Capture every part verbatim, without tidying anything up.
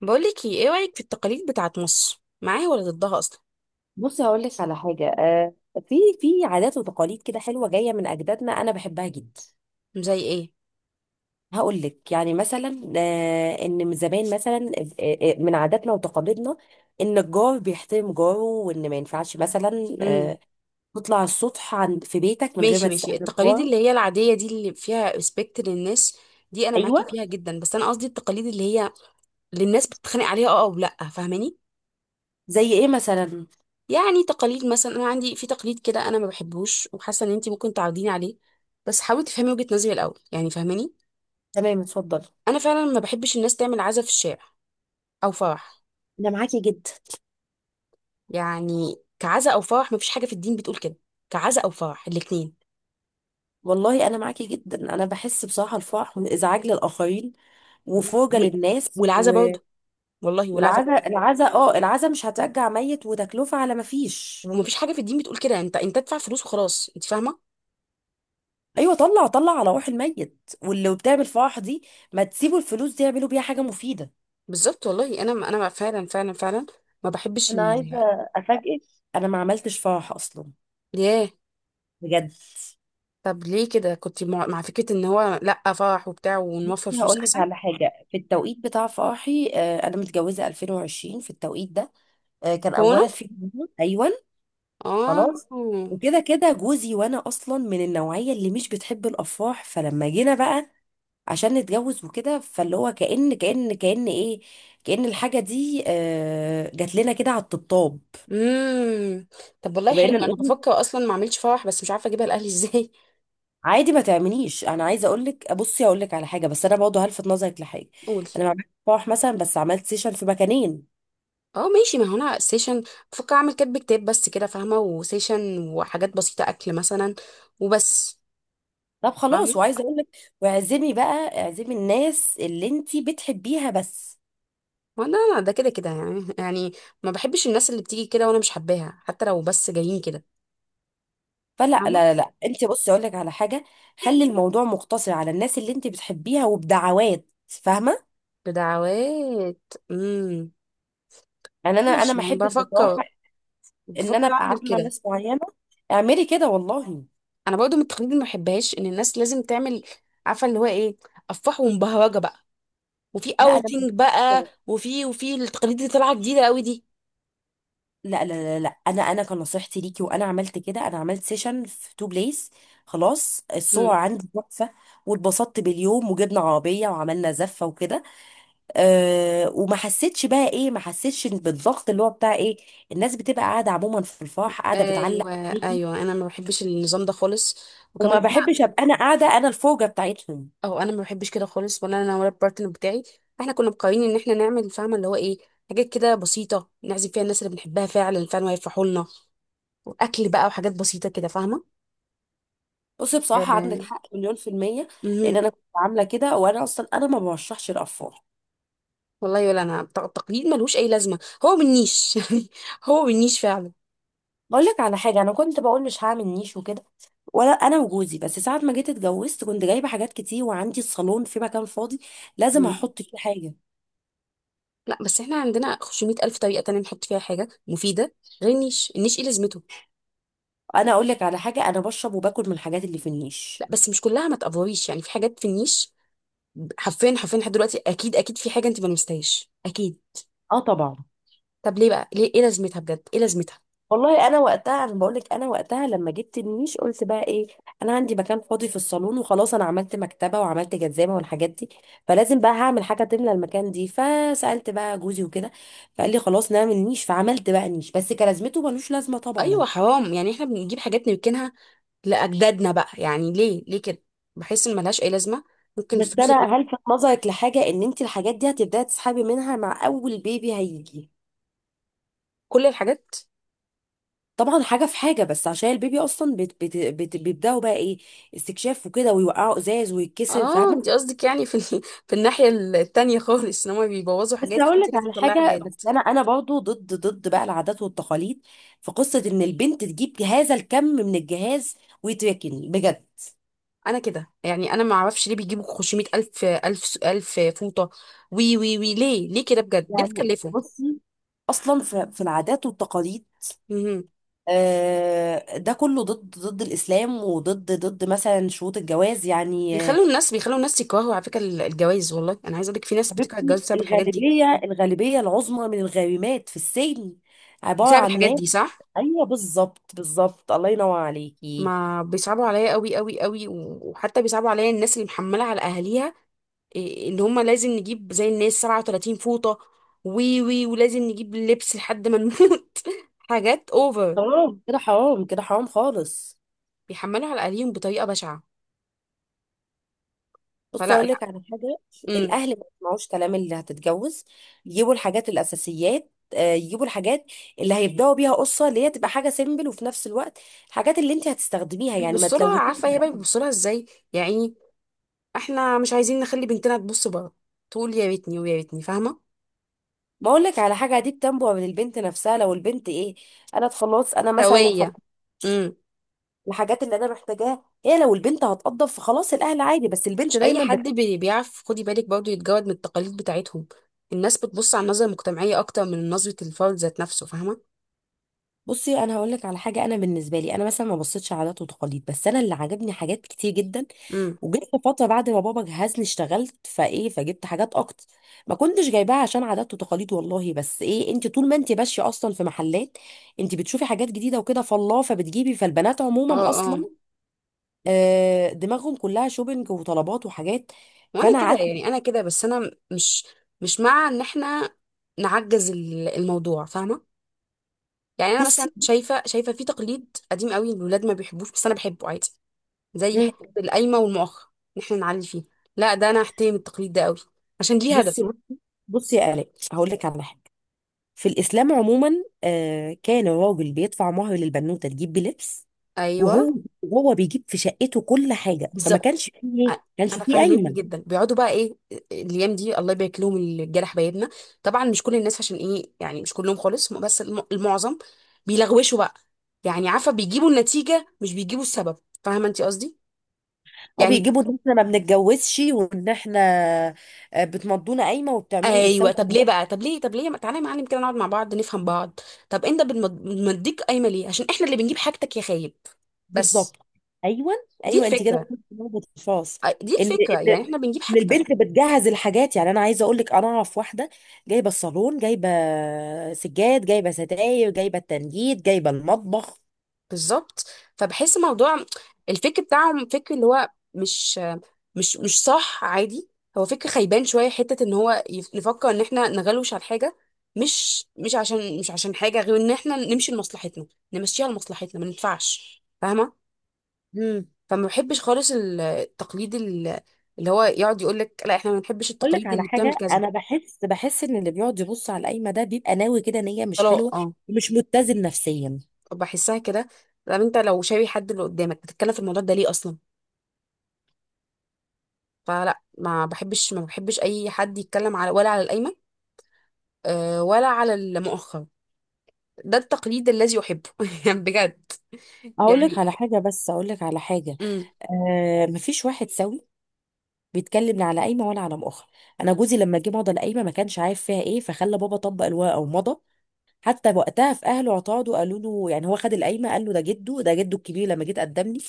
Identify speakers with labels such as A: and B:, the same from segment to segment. A: بقولك، ايه ايه رأيك في التقاليد بتاعت مصر، معاها ولا ضدها اصلا؟
B: بصي هقول لك على حاجه، آه، في في عادات وتقاليد كده حلوه جايه من اجدادنا انا بحبها جدا.
A: زي ايه؟
B: هقول لك يعني مثلا، آه، ان من زمان مثلا آه، آه، من عاداتنا وتقاليدنا ان الجار بيحترم جاره وان ما ينفعش مثلا
A: امم.
B: آه، تطلع على السطح عند في بيتك من غير
A: ماشي
B: ما
A: ماشي،
B: تستأذن
A: التقاليد
B: جارك.
A: اللي هي العادية دي اللي فيها ريسبكت للناس، دي انا معاكي
B: ايوه،
A: فيها جدا. بس انا قصدي التقاليد اللي هي اللي الناس بتتخانق عليها. اه، او لا، فاهماني؟
B: زي ايه مثلا؟
A: يعني تقاليد مثلا انا عندي في تقليد كده انا ما بحبوش، وحاسه ان انتي ممكن تعرضيني عليه. بس حاولي تفهمي وجهة نظري الاول، يعني فاهماني؟
B: تمام، اتفضل.
A: انا فعلا ما بحبش الناس تعمل عزا في الشارع او فرح.
B: انا معاكي جدا.
A: يعني كعزا او فرح ما فيش حاجة في الدين بتقول كده، كعزا او فرح الاتنين.
B: والله انا معاكي جدا، انا بحس بصراحه الفرح من ازعاج للاخرين وفرجه
A: و-
B: للناس.
A: والعزا برضه. والله والعزا
B: والعزا،
A: برضه.
B: العزا اه العزا مش هترجع ميت وتكلفة على ما فيش.
A: ومفيش حاجه في الدين بتقول كده. انت انت ادفع فلوس وخلاص، انت فاهمه؟
B: ايوه، طلع طلع على روح الميت واللي بتعمل فرح دي ما تسيبوا الفلوس دي يعملوا بيها حاجة مفيدة.
A: بالظبط. والله انا انا فعلا فعلا فعلا ما بحبش
B: انا عايزه
A: ال
B: افاجئك، انا ما عملتش فرح اصلا،
A: ياه.
B: بجد.
A: طب ليه كده؟ كنت مع, مع فكره ان هو لا فرح وبتاع ونوفر فلوس
B: هقول لك
A: احسن.
B: على حاجه، في التوقيت بتاع فرحي آه، انا متجوزه ألفين وعشرين. في التوقيت ده آه، كان
A: هو انا،
B: اولا في كورونا. ايوه، خلاص،
A: اه.
B: وكده كده جوزي وانا اصلا من النوعيه اللي مش بتحب الافراح، فلما جينا بقى عشان نتجوز وكده، فاللي هو كأن كأن كأن ايه، كأن الحاجة دي آه، جات لنا كده على الطبطاب.
A: امم. طب والله حلو.
B: فبقينا
A: انا
B: نقول
A: بفكر اصلا ما اعملش فرح بس مش عارفه اجيبها لاهلي ازاي.
B: عادي ما تعمليش. انا عايزه اقول لك، بصي اقول لك على حاجه بس انا برضه هلفت نظرك لحاجه.
A: قولي.
B: انا ما عملتش فرح مثلا بس عملت سيشن في مكانين.
A: اه، ماشي. ما هو انا سيشن بفكر اعمل كاتب كتاب بس كده، فاهمه؟ وسيشن وحاجات بسيطه، اكل مثلا، وبس.
B: طب
A: فاهمه.
B: خلاص، وعايزه اقول لك، واعزمي بقى اعزمي الناس اللي انت بتحبيها بس.
A: ما لا لا، ده كده كده، يعني يعني ما بحبش الناس اللي بتيجي كده وانا مش حباها، حتى لو بس جايين كده.
B: فلا لا
A: فاهمة.
B: لا لا، انت بصي اقول لك على حاجه، خلي الموضوع مقتصر على الناس اللي انت بتحبيها وبدعوات، فاهمه؟
A: بدعوات. امم.
B: يعني انا انا
A: ماشي،
B: ما
A: يعني
B: احبش
A: بفكر
B: بصراحه ان انا
A: بفكر
B: ابقى
A: اعمل
B: عامه
A: كده.
B: ناس معينه. اعملي كده والله.
A: انا برضو من التقاليد اللي ما بحبهاش ان الناس لازم تعمل، عارفة اللي هو ايه، افراح ومبهرجة بقى، وفي
B: لا انا مش
A: اوتنج بقى،
B: كده.
A: وفي وفي التقاليد اللي طالعة جديدة قوي دي.
B: لا لا لا لا، انا انا كان نصيحتي ليكي وانا عملت كده، انا عملت سيشن في تو بليس، خلاص الصور
A: امم.
B: عندي تحفه. واتبسطت باليوم وجبنا عربيه وعملنا زفه وكده. أه، وما حسيتش بقى ايه، ما حسيتش بالضغط اللي هو بتاع ايه، الناس بتبقى قاعده عموما في الفرح قاعده
A: ايوه،
B: بتعلق عليكي.
A: ايوه، انا ما بحبش النظام ده خالص. وكمان،
B: وما بحبش ابقى انا قاعده انا الفوجه بتاعتهم.
A: او انا ما بحبش كده خالص، ولا انا ولا البارتنر بتاعي. احنا كنا مقررين ان احنا نعمل، فاهمه اللي هو ايه، حاجات كده بسيطه نعزم فيها الناس اللي بنحبها فعلا فعلا، ويفرحوا لنا، واكل بقى وحاجات بسيطه كده، فاهمه؟
B: بصي بصراحة عندك
A: آه.
B: حق مليون في المية.
A: مهم.
B: لأن أنا كنت عاملة كده، وأنا أصلا أنا ما برشحش الأطفال.
A: والله، ولا انا. الت- التقليد ملوش اي لازمه، هو بالنيش يعني. هو بالنيش فعلا.
B: بقول لك على حاجة، أنا كنت بقول مش هعمل نيش وكده، ولا أنا وجوزي، بس ساعة ما جيت اتجوزت كنت جايبة حاجات كتير وعندي الصالون في مكان فاضي، لازم
A: مم.
B: هحط فيه حاجة.
A: لا، بس احنا عندنا خمسمئة الف طريقه تانية نحط فيها حاجه مفيده غير النيش. النيش ايه لازمته؟
B: أنا أقول لك على حاجة، أنا بشرب وباكل من الحاجات اللي في
A: لا،
B: النيش.
A: بس مش كلها، ما تقفريش يعني. في حاجات في النيش، حرفيا حرفيا، لحد دلوقتي اكيد، اكيد في حاجه انت ما لمستهاش، اكيد.
B: أه طبعا.
A: طب ليه بقى؟ ليه؟ ايه لازمتها بجد؟ ايه لازمتها؟
B: والله انا وقتها، انا بقول لك انا وقتها لما جبت النيش قلت بقى ايه، انا عندي مكان فاضي في الصالون وخلاص، انا عملت مكتبه وعملت جزامه والحاجات دي، فلازم بقى هعمل حاجه تملى المكان دي، فسالت بقى جوزي وكده، فقال لي خلاص نعمل نيش، فعملت بقى نيش بس كلازمته ملوش لازمه طبعا.
A: ايوه، حرام يعني. احنا بنجيب حاجات نركنها لاجدادنا بقى، يعني ليه ليه كده؟ بحس ان ملهاش اي لازمه. ممكن
B: بس
A: الفلوس اللي-
B: انا هلفت نظرك لحاجه ان انت الحاجات دي هتبداي تسحبي منها مع اول بيبي هيجي.
A: كل الحاجات.
B: طبعا حاجه في حاجه، بس عشان البيبي اصلا بت بت بت بيبداوا بقى ايه، استكشاف وكده ويوقعوا ازاز ويتكسر،
A: اه، انت
B: فاهمه؟
A: قصدك يعني في ال... في الناحيه التانية خالص، ان هم بيبوظوا
B: بس
A: حاجات
B: هقول
A: فانت
B: لك
A: لازم
B: على
A: تطلعي
B: حاجه، بس
A: حاجات.
B: انا انا برضو ضد ضد بقى العادات والتقاليد في قصه ان البنت تجيب هذا الكم من الجهاز ويتركن، بجد.
A: انا كده يعني، انا ما اعرفش ليه بيجيبوا خمسمية الف الف الف فوطه، وي وي وي، ليه ليه كده بجد؟ ليه
B: يعني
A: بتكلفوا؟
B: بصي، اصلا في في العادات والتقاليد
A: مهم.
B: آه، ده كله ضد ضد الاسلام، وضد ضد مثلا شروط الجواز، يعني آه،
A: بيخلوا الناس بيخلوا الناس يكرهوا على فكره الجواز. والله انا عايزه اقول لك، في ناس بتكره الجواز
B: حبيبتي
A: بسبب الحاجات دي.
B: الغالبيه، الغالبيه العظمى من الغارمات في السجن عباره
A: بسبب
B: عن
A: الحاجات
B: ناس.
A: دي، صح.
B: ايوه بالظبط بالظبط، الله ينور عليكي.
A: ما بيصعبوا عليا قوي قوي قوي، و- وحتى بيصعبوا عليا الناس اللي محمله على اهاليها. إيه، ان هم لازم نجيب زي الناس سبعة وثلاثين فوطه، وي وي، ولازم نجيب اللبس لحد ما نموت حاجات اوفر.
B: حرام كده، حرام كده، حرام خالص.
A: بيحملوا على اهاليهم بطريقه بشعه.
B: بص
A: فلا،
B: اقول
A: لا.
B: لك على حاجه،
A: امم.
B: الاهل ما يسمعوش كلام اللي هتتجوز، يجيبوا الحاجات الاساسيات، آه، يجيبوا الحاجات اللي هيبداوا بيها قصه، اللي هي تبقى حاجه سيمبل، وفي نفس الوقت الحاجات اللي انت هتستخدميها يعني ما
A: بيبصوا لها،
B: تلوثيش.
A: عارفه هي بقى بيبصوا لها ازاي يعني. احنا مش عايزين نخلي بنتنا تبص بره، تقول يا ريتني ويا ريتني، فاهمه؟
B: ما اقول لك على حاجه، دي بتنبع من البنت نفسها، لو البنت ايه، انا خلاص، انا مثلا الح-
A: سويه. امم.
B: الحاجات اللي انا محتاجاها هي، لو البنت هتقضف فخلاص الاهل عادي، بس البنت
A: مش اي
B: دايما.
A: حد بي- بيعرف، خدي بالك برضه، يتجرد من التقاليد بتاعتهم. الناس بتبص على النظرة المجتمعية اكتر من نظرة الفرد ذات نفسه، فاهمة؟
B: بصي انا هقول لك على حاجه، انا بالنسبه لي انا مثلا ما بصيتش عادات وتقاليد، بس انا اللي عجبني حاجات كتير جدا.
A: امم.
B: وجيت في فتره بعد ما بابا جهزني اشتغلت فايه، فجبت حاجات اكتر، ما كنتش جايباها عشان عادات وتقاليد والله، بس ايه، انت طول ما انت ماشيه اصلا في محلات، انت بتشوفي حاجات جديده وكده، فالله فبتجيبي، فالبنات
A: اه،
B: عموما
A: اه.
B: اصلا آه، دماغهم كلها شوبينج وطلبات وحاجات.
A: وانا
B: فانا
A: كده
B: قعدت.
A: يعني، انا كده، بس انا مش مش مع ان احنا نعجز ال- الموضوع، فاهمة؟ يعني انا مثلا
B: بصي.
A: شايفة، شايفة في تقليد قديم قوي الولاد ما بيحبوش بس انا بحبه عادي، زي
B: مم.
A: حتة القايمة والمؤخر، ان احنا نعلي فيه. لا، ده انا احترم التقليد ده قوي عشان ليه هدف.
B: بصي بصي بصي يا آلاء، هقول لك على حاجه، في الإسلام عموما آه، كان الراجل بيدفع مهر للبنوتة تجيب بلبس،
A: ايوه،
B: وهو وهو بيجيب في شقته كل حاجة، فما
A: بالظبط.
B: كانش فيه إيه؟
A: أ-
B: كانش
A: انا
B: فيه
A: فهمتني
B: قايمة.
A: جدا، بيقعدوا بقى ايه، الايام دي الله يبارك لهم الجرح بيدنا. طبعا مش كل الناس، عشان ايه يعني، مش كلهم خالص بس الم- المعظم بيلغوشوا بقى. يعني عارفه، بيجيبوا النتيجه مش بيجيبوا السبب، فاهمه انت قصدي
B: هو
A: يعني؟
B: بيجيبوا ان احنا ما بنتجوزش وان احنا آه، بتمضونا قايمة وبتعملوا
A: ايوه.
B: وبتسووا.
A: طب ليه بقى؟ طب ليه طب ليه ما تعالى يا معلم كده نقعد مع بعض نفهم بعض. طب انت بتمديك قايمه ليه؟ عشان احنا اللي بنجيب حاجتك يا خايب. بس.
B: بالظبط. ايوه،
A: دي
B: ايوه، انت كده
A: الفكره.
B: قلت نقطة الفاس.
A: أ- دي
B: ان ان
A: الفكره يعني، احنا بنجيب
B: إن
A: حاجتك.
B: البنت بتجهز الحاجات، يعني انا عايزه اقول لك، انا اعرف واحده جايبه الصالون، جايبه سجاد، جايبه ستاير، جايبه التنجيد، جايبه المطبخ.
A: بالظبط. فبحس موضوع الفكر بتاعهم فكر اللي هو، مش مش مش صح عادي. هو فكر خيبان شويه حته ان هو يف- نفكر ان احنا نغلوش على حاجه، مش مش عشان مش عشان حاجه غير ان احنا نمشي لمصلحتنا، نمشيها لمصلحتنا، ما ينفعش فاهمه. فما بحبش خالص ال- التقليد ال- اللي هو يقعد يقول لك لا احنا ما بنحبش
B: اقول لك
A: التقاليد
B: على
A: اللي بتعمل
B: حاجه،
A: كذا.
B: انا بحس بحس ان اللي بيقعد يبص على القايمه ده بيبقى ناوي كده نيه مش حلوه،
A: طلاق، اه.
B: ومش متزن نفسيا.
A: بحسها كده. طب انت لو شايف حد اللي قدامك بتتكلم في الموضوع ده ليه اصلا؟ فلا، ما بحبش ما بحبش اي حد يتكلم على، ولا على القايمه، آه، ولا على المؤخر. ده التقليد الذي احبه يعني بجد.
B: اقول لك
A: يعني.
B: على حاجه، بس اقول لك على حاجه،
A: امم.
B: آه مفيش واحد سوي بيتكلم لا على قايمه ولا على مؤخر. انا جوزي لما جه مضى القايمه ما كانش عارف فيها ايه، فخلى بابا طبق الورقه ومضى. حتى وقتها في اهله اعترضوا، قالوا له يعني هو خد القايمه، قال له ده جده، ده جده الكبير لما جيت قدم لي،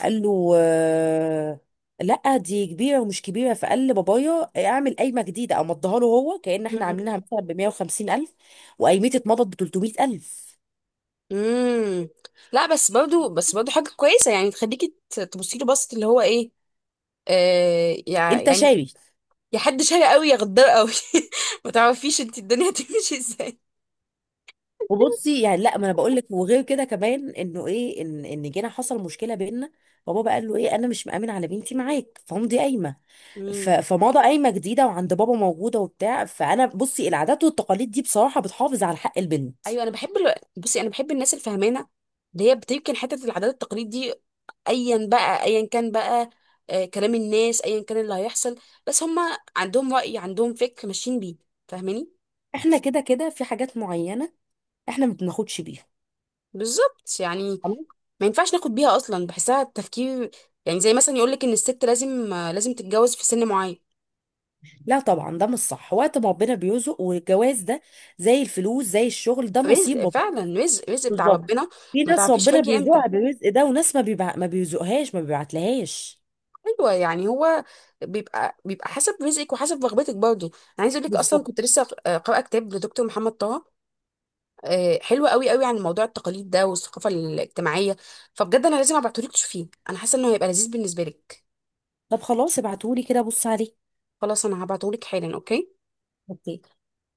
B: قال له آه، لا دي كبيره ومش كبيره، فقال لبابايا اعمل قايمه جديده او مضيها له هو، كأن احنا عاملينها مثلا ب مية وخمسين الف، وقايمتي اتمضت ب تلت ميه الف.
A: امم. لا بس برضو، بس برضو حاجه كويسه يعني تخليكي ت- تبصي له بصت اللي هو ايه، آه يع-
B: انت
A: يعني.
B: شاري.
A: يا حد شاري قوي يا غدار قوي. ما تعرفيش انت الدنيا هتمشي ازاي.
B: وبصي يعني لا، ما انا بقول لك، وغير كده كمان انه ايه، ان ان جينا حصل مشكله بيننا، بابا بقى قال له ايه، انا مش مأمن على بنتي معاك، فهم دي قايمه. ف...
A: امم.
B: فماضة قايمة جديدة وعند بابا موجودة وبتاع. فأنا بصي، العادات والتقاليد دي بصراحة بتحافظ على حق البنت.
A: ايوه، انا بحب الو... بصي، انا بحب الناس الفهمانه اللي هي بتمكن حته العادات والتقاليد دي، ايا بقى، ايا كان بقى، آه، كلام الناس، ايا كان اللي هيحصل، بس هما عندهم رأي، عندهم فكر ماشيين بيه، فاهماني؟
B: احنا كده كده في حاجات معينة احنا ما بناخدش بيها،
A: بالظبط يعني.
B: خلاص؟
A: ما ينفعش ناخد بيها اصلا، بحسها التفكير. يعني زي مثلا يقولك ان الست لازم، آه، لازم تتجوز في سن معين.
B: لا طبعا، ده مش صح، وقت ما ربنا بيرزق، والجواز ده زي الفلوس زي الشغل، ده
A: رزق،
B: نصيب ربنا.
A: فعلا رزق، رزق بتاع
B: بالظبط.
A: ربنا.
B: في
A: ما
B: ناس
A: تعرفيش
B: ربنا
A: هيجي امتى.
B: بيرزقها بالرزق ده، وناس ما بيبع... ما بيرزقهاش، ما بيبعتلهاش.
A: ايوه، يعني هو بيبقى بيبقى حسب رزقك وحسب رغبتك برضه. انا عايز اقول لك، اصلا
B: بالظبط.
A: كنت لسه، آه، قارئه كتاب لدكتور محمد طه، آه، حلوه قوي قوي عن موضوع التقاليد ده والثقافه الاجتماعيه. فبجد انا لازم ابعتهولك تشوفيه، انا حاسه انه هيبقى لذيذ بالنسبه لك.
B: طب خلاص، ابعتهولي كده بص عليه.
A: خلاص، انا هبعتهولك حالا. اوكي.
B: اوكي.